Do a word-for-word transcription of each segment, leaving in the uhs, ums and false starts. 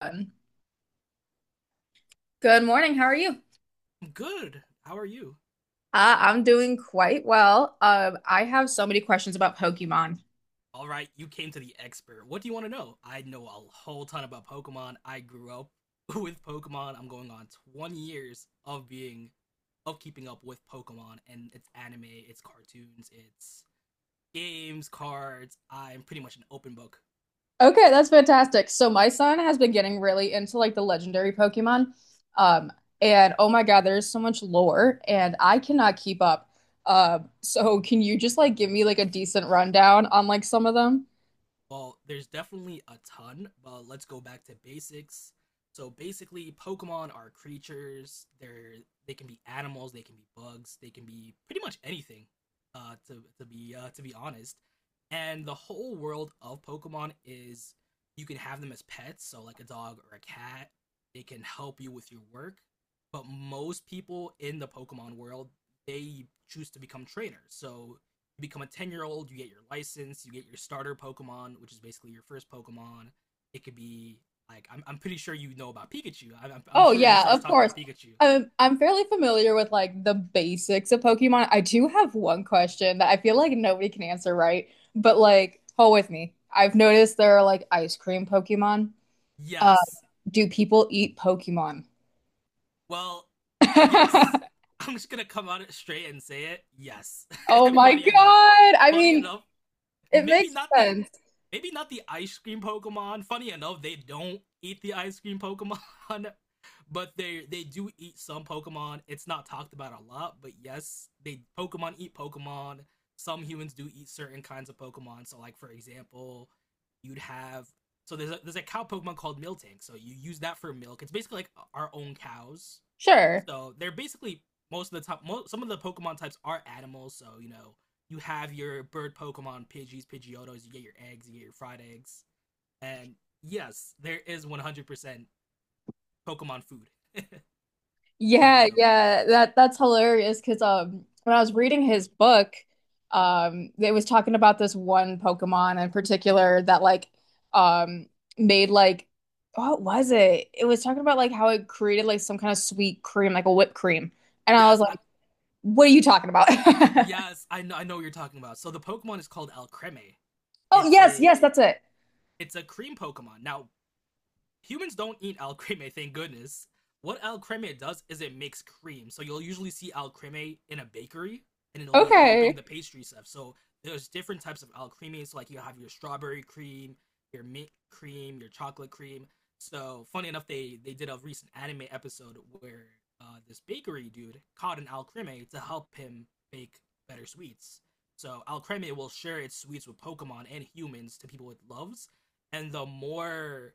Um, Good morning. How are you? Good. How are you? Uh, I'm doing quite well. Um, I have so many questions about Pokemon. All right, you came to the expert. What do you want to know? I know a whole ton about Pokemon. I grew up with Pokemon. I'm going on twenty years of being of keeping up with Pokemon and its anime, its cartoons, its games, cards. I'm pretty much an open book. Okay, that's fantastic. So my son has been getting really into like the legendary Pokemon. Um, and oh my God, there's so much lore and I cannot keep up. Um, so can you just like give me like a decent rundown on like some of them? Well, there's definitely a ton, but let's go back to basics. So basically, Pokemon are creatures. They're they can be animals, they can be bugs, they can be pretty much anything. Uh, to to be uh, to be honest, and the whole world of Pokemon is, you can have them as pets, so like a dog or a cat. They can help you with your work, but most people in the Pokemon world, they choose to become trainers. So you become a ten year old, you get your license, you get your starter Pokemon, which is basically your first Pokemon. It could be like, I'm, I'm pretty sure you know about Pikachu. I'm, I'm, I'm Oh sure your yeah, son's of talked course. about Pikachu. Um, I'm fairly familiar with like the basics of Pokemon. I do have one question that I feel like nobody can answer right, but like hold with me. I've noticed there are like ice cream Pokemon. Uh, Yes. do people eat Pokemon? Well, yes. I'm just gonna come out straight and say it. Yes. Oh my Funny enough. God. I Funny mean, enough, it maybe makes not the sense. maybe not the ice cream Pokemon. Funny enough, they don't eat the ice cream Pokemon, but they they do eat some Pokemon. It's not talked about a lot, but yes, they Pokemon eat Pokemon. Some humans do eat certain kinds of Pokemon. So, like for example, you'd have so there's a, there's a cow Pokemon called Miltank. So you use that for milk. It's basically like our own cows, Sure. so they're basically most of the top. Most, some of the Pokemon types are animals. So you know you have your bird Pokemon, Pidgeys, Pidgeotos. You get your eggs. You get your fried eggs. And yes, there is one hundred percent Pokemon food. Funny Yeah, enough. yeah, that that's hilarious because um when I was reading his book, um it was talking about this one Pokemon in particular that like um made like what was it? It was talking about like how it created like some kind of sweet cream, like a whipped cream. And I was Yes, I, like, what are you talking about? yes, I know. I know what you're talking about. So the Pokemon is called Alcremie. Oh, It's yes, a yes, that's it. it's a cream Pokemon. Now humans don't eat al creme, thank goodness. What al creme does is it makes cream. So you'll usually see al creme in a bakery, and it'll be helping Okay. the pastry stuff. So there's different types of al creme. So like you have your strawberry cream, your mint cream, your chocolate cream. So funny enough, they they did a recent anime episode where uh, this bakery dude caught an al creme to help him bake better sweets. So Alcremie will share its sweets with Pokemon and humans to people it loves, and the more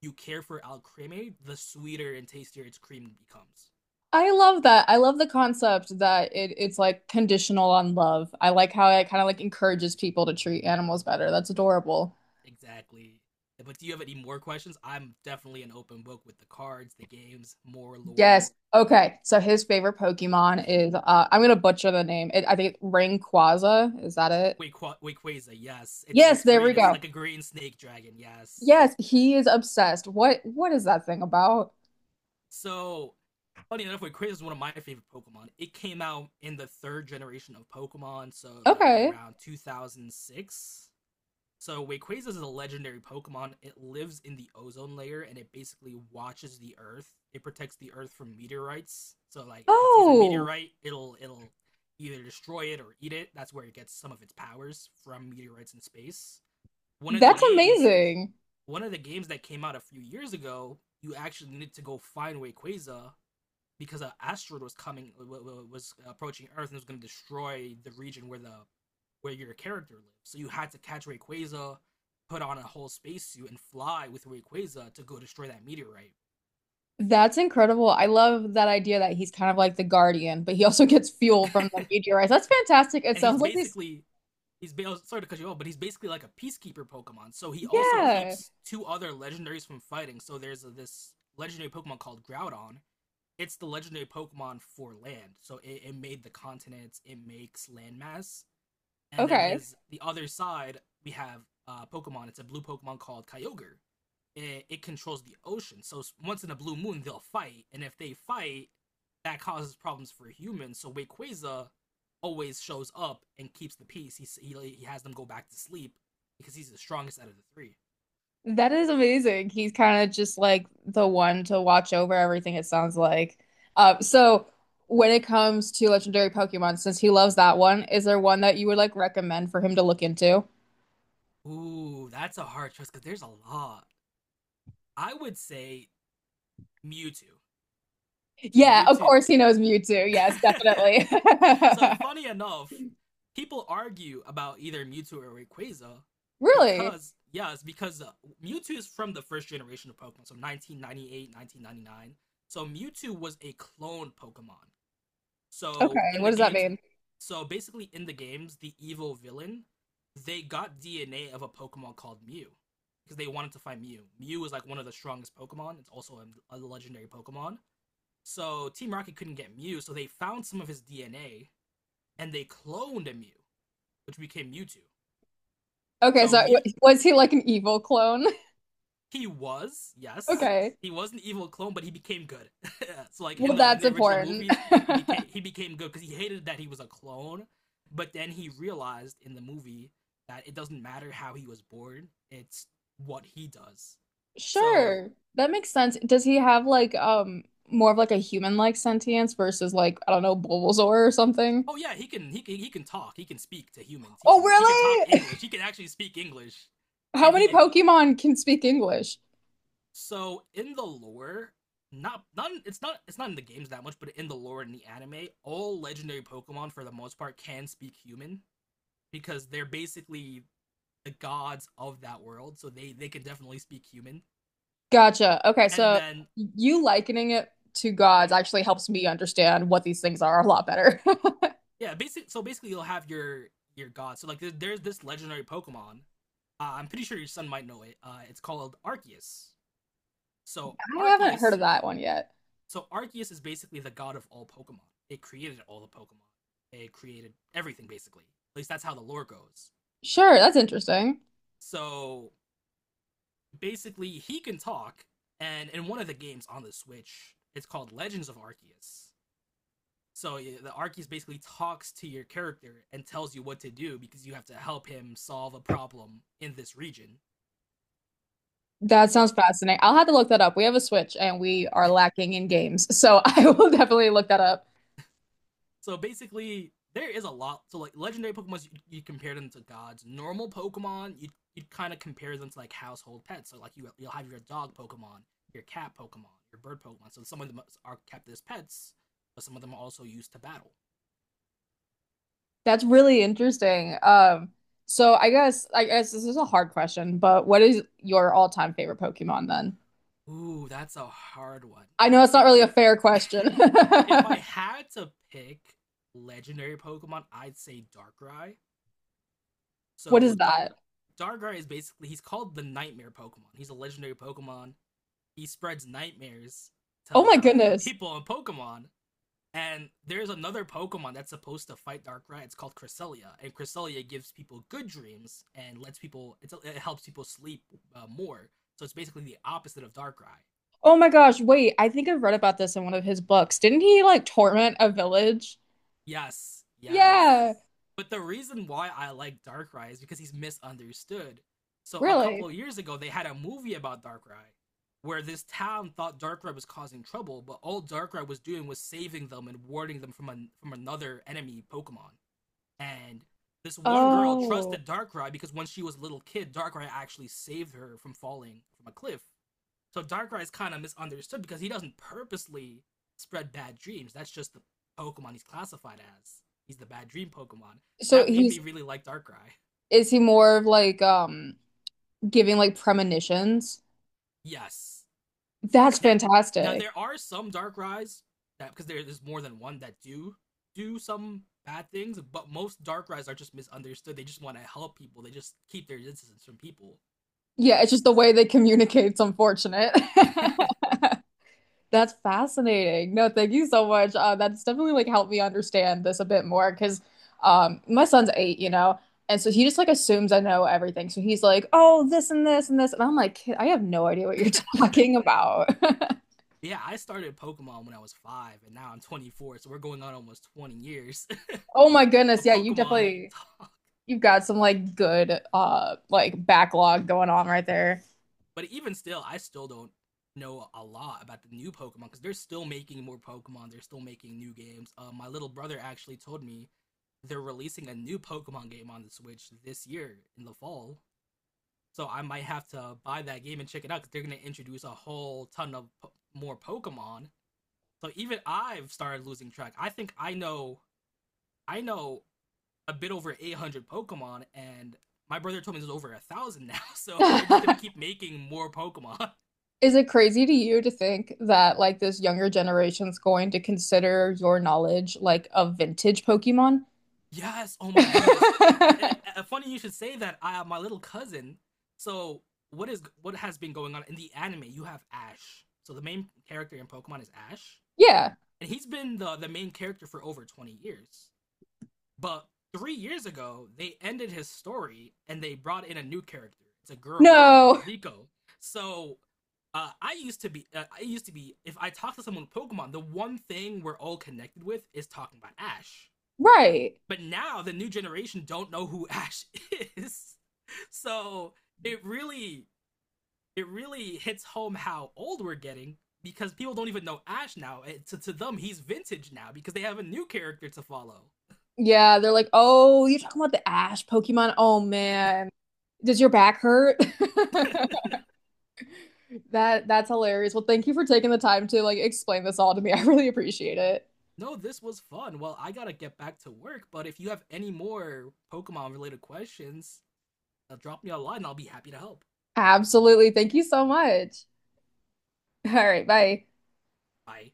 you care for al creme, the sweeter and tastier its cream becomes. I love that. I love the concept that it, it's like conditional on love. I like how it kind of like encourages people to treat animals better. That's adorable. Exactly. But do you have any more questions? I'm definitely an open book with the cards, the games, more lore. Yes. Okay. So his favorite Pokemon is uh I'm gonna butcher the name. It, I think Rayquaza. Is that it? Wait, Qua- wait, Quaza, yes, it's Yes, it's there green. we It's go. like a green snake dragon. Yes. Yes, he is obsessed. What what is that thing about? So funny enough, Quaza is one of my favorite Pokemon. It came out in the third generation of Pokemon, so like in Okay. around two thousand six. So Rayquaza is a legendary Pokemon. It lives in the ozone layer and it basically watches the Earth. It protects the Earth from meteorites. So like if it sees a Oh, meteorite, it'll it'll either destroy it or eat it. That's where it gets some of its powers from meteorites in space. One of the that's games, amazing. One of the games that came out a few years ago, you actually needed to go find Rayquaza because an asteroid was coming was approaching Earth and it was going to destroy the region where the where your character lives. So you had to catch Rayquaza, put on a whole spacesuit, and fly with Rayquaza to go destroy that meteorite. That's incredible. I love that idea that he's kind of like the guardian, but he also gets fuel from the meteorites. That's fantastic. It And he's sounds like this. basically He's sorry to cut you off, but he's basically like a peacekeeper Pokemon. So he also Yeah. keeps two other legendaries from fighting. So there's a, this legendary Pokemon called Groudon. It's the legendary Pokemon for land. So it, it made the continents. It makes landmass. And then Okay. his the other side we have uh, Pokemon. It's a blue Pokemon called Kyogre. It, it controls the ocean, so once in a blue moon they'll fight, and if they fight, that causes problems for humans. So Wayquaza always shows up and keeps the peace. He he like, he has them go back to sleep because he's the strongest out of the three. That is amazing. He's kind of just like the one to watch over everything, it sounds like. Um, so when it comes to legendary Pokemon, since he loves that one, is there one that you would like recommend for him to look into? Ooh, that's a hard choice because there's a lot. I would say Mewtwo. Yeah, of Mewtwo. course he knows Mewtwo. Yes, definitely. So funny enough, people argue about either Mewtwo or Rayquaza Really? because, yeah, it's because uh, Mewtwo is from the first generation of Pokemon, so nineteen ninety-eight, nineteen ninety-nine. So Mewtwo was a clone Pokemon. So Okay, in what the does that games, mean? so basically in the games, the evil villain, they got D N A of a Pokemon called Mew because they wanted to find Mew. Mew is like one of the strongest Pokemon. It's also a, a legendary Pokemon. So Team Rocket couldn't get Mew, so they found some of his D N A and they cloned a Mew, which became Mewtwo. Okay, So so w- Mew, was he like an evil clone? he was yes, Okay. he was an evil clone, but he became good. So like in Well, the in that's the original important. movies, he became he became good because he hated that he was a clone, but then he realized in the movie that it doesn't matter how he was born; it's what he does. So Sure. That makes sense. Does he have like um more of like a human-like sentience versus like, I don't know, Bulbasaur or something? oh yeah, he can he can he can talk, he can speak to humans, he Oh, can he can talk really? English, he can actually speak English, How and many he Pokemon can speak English? so in the lore, not not it's not it's not in the games that much, but in the lore in the anime, all legendary Pokemon for the most part can speak human because they're basically the gods of that world, so they they can definitely speak human. Gotcha. Okay, And so then you likening it to gods actually helps me understand what these things are a lot better. I yeah, basic so basically you'll have your your gods. So like there, there's this legendary Pokemon. Uh, I'm pretty sure your son might know it. Uh, it's called Arceus. So haven't heard Arceus of that one yet. So Arceus is basically the god of all Pokemon. It created all the Pokemon. It created everything basically. At least that's how the lore goes. Sure, that's interesting. So basically, he can talk, and in one of the games on the Switch, it's called Legends of Arceus. So yeah, the Arceus basically talks to your character and tells you what to do because you have to help him solve a problem in this region. That So sounds fascinating. I'll have to look that up. We have a Switch and we are lacking in games, so I will definitely look that up. So basically, there is a lot. So like legendary Pokemon, you, you compare them to gods. Normal Pokemon, you you kind of compare them to like household pets. So like you you'll have your dog Pokemon, your cat Pokemon, your bird Pokemon. So some of them are kept as pets, but some of them are also used to battle. That's really interesting. Um, so I guess I guess this is a hard question, but what is your all-time favorite Pokemon then? Ooh, that's a hard one. I know it's not If really a fair question. if I had to pick legendary Pokemon, I'd say Darkrai. What is So Dark that? Darkrai is basically, he's called the nightmare Pokemon. He's a legendary Pokemon. He spreads nightmares to Oh my to goodness. people on Pokemon. And there's another Pokemon that's supposed to fight Darkrai. It's called Cresselia, and Cresselia gives people good dreams and lets people. It's, it helps people sleep uh, more. So it's basically the opposite of Darkrai. Oh my gosh, wait, I think I've read about this in one of his books. Didn't he like torment a village? Yes, Yeah, yes. yes. But the reason why I like Darkrai is because he's misunderstood. So a couple Really? of years ago, they had a movie about Darkrai, where this town thought Darkrai was causing trouble, but all Darkrai was doing was saving them and warding them from a from another enemy Pokemon. And this one girl Oh. trusted Darkrai because when she was a little kid, Darkrai actually saved her from falling from a cliff. So Darkrai's kind of misunderstood because he doesn't purposely spread bad dreams. That's just the Pokemon he's classified as. He's the bad dream Pokemon. So That made me he's really like Darkrai. Is he more of like um giving like premonitions? Yes. That's Now, now fantastic. there are some Darkrai's that, because there is more than one, that do do some bad things, but most Darkrai's are just misunderstood. They just want to help people. They just keep their distance from people. Yeah, it's just the way they communicate's unfortunate. That's fascinating. No, thank you so much. Uh, that's definitely like helped me understand this a bit more because um, my son's eight, you know, and so he just like assumes I know everything. So he's like, "Oh, this and this and this," and I'm like, "Kid, I have no idea what you're talking about." Yeah, I started Pokemon when I was five, and now I'm twenty-four, so we're going on almost twenty years Oh my goodness, of yeah, you Pokemon definitely talk. you've got some like good uh like backlog going on right there. But even still, I still don't know a lot about the new Pokemon because they're still making more Pokemon. They're still making new games. Uh, my little brother actually told me they're releasing a new Pokemon game on the Switch this year in the fall. So I might have to buy that game and check it out because they're going to introduce a whole ton of po- more Pokemon. So even I've started losing track. I think I know I know a bit over eight hundred Pokemon, and my brother told me there's over a thousand now. So they're just going to keep making more Pokemon. Is it crazy to you to think that like this younger generation's going to consider your knowledge like a vintage Pokemon? Yes. Oh my goodness. Yeah, uh, funny you should say that. Uh, my little cousin. So what is what has been going on in the anime? You have Ash. So the main character in Pokemon is Ash, Yeah. and he's been the the main character for over twenty years. But three years ago, they ended his story and they brought in a new character. It's a girl called No. Liko. So. Uh, I used to be. Uh, I used to be. If I talk to someone with Pokemon, the one thing we're all connected with is talking about Ash, Right. but now the new generation don't know who Ash is. So it really it really hits home how old we're getting because people don't even know Ash now. It, to, to them, he's vintage now because they have a new character to follow. Yeah, they're like, "Oh, you're talking about the Ash Pokemon? Oh man. Does your back hurt?" That that's hilarious. Well, thank you for taking the time to like explain this all to me. I really appreciate it. No, this was fun. Well, I gotta get back to work, but if you have any more Pokemon related questions, uh, drop me a line, and I'll be happy to help. Absolutely. Thank you so much. All right, bye. Bye.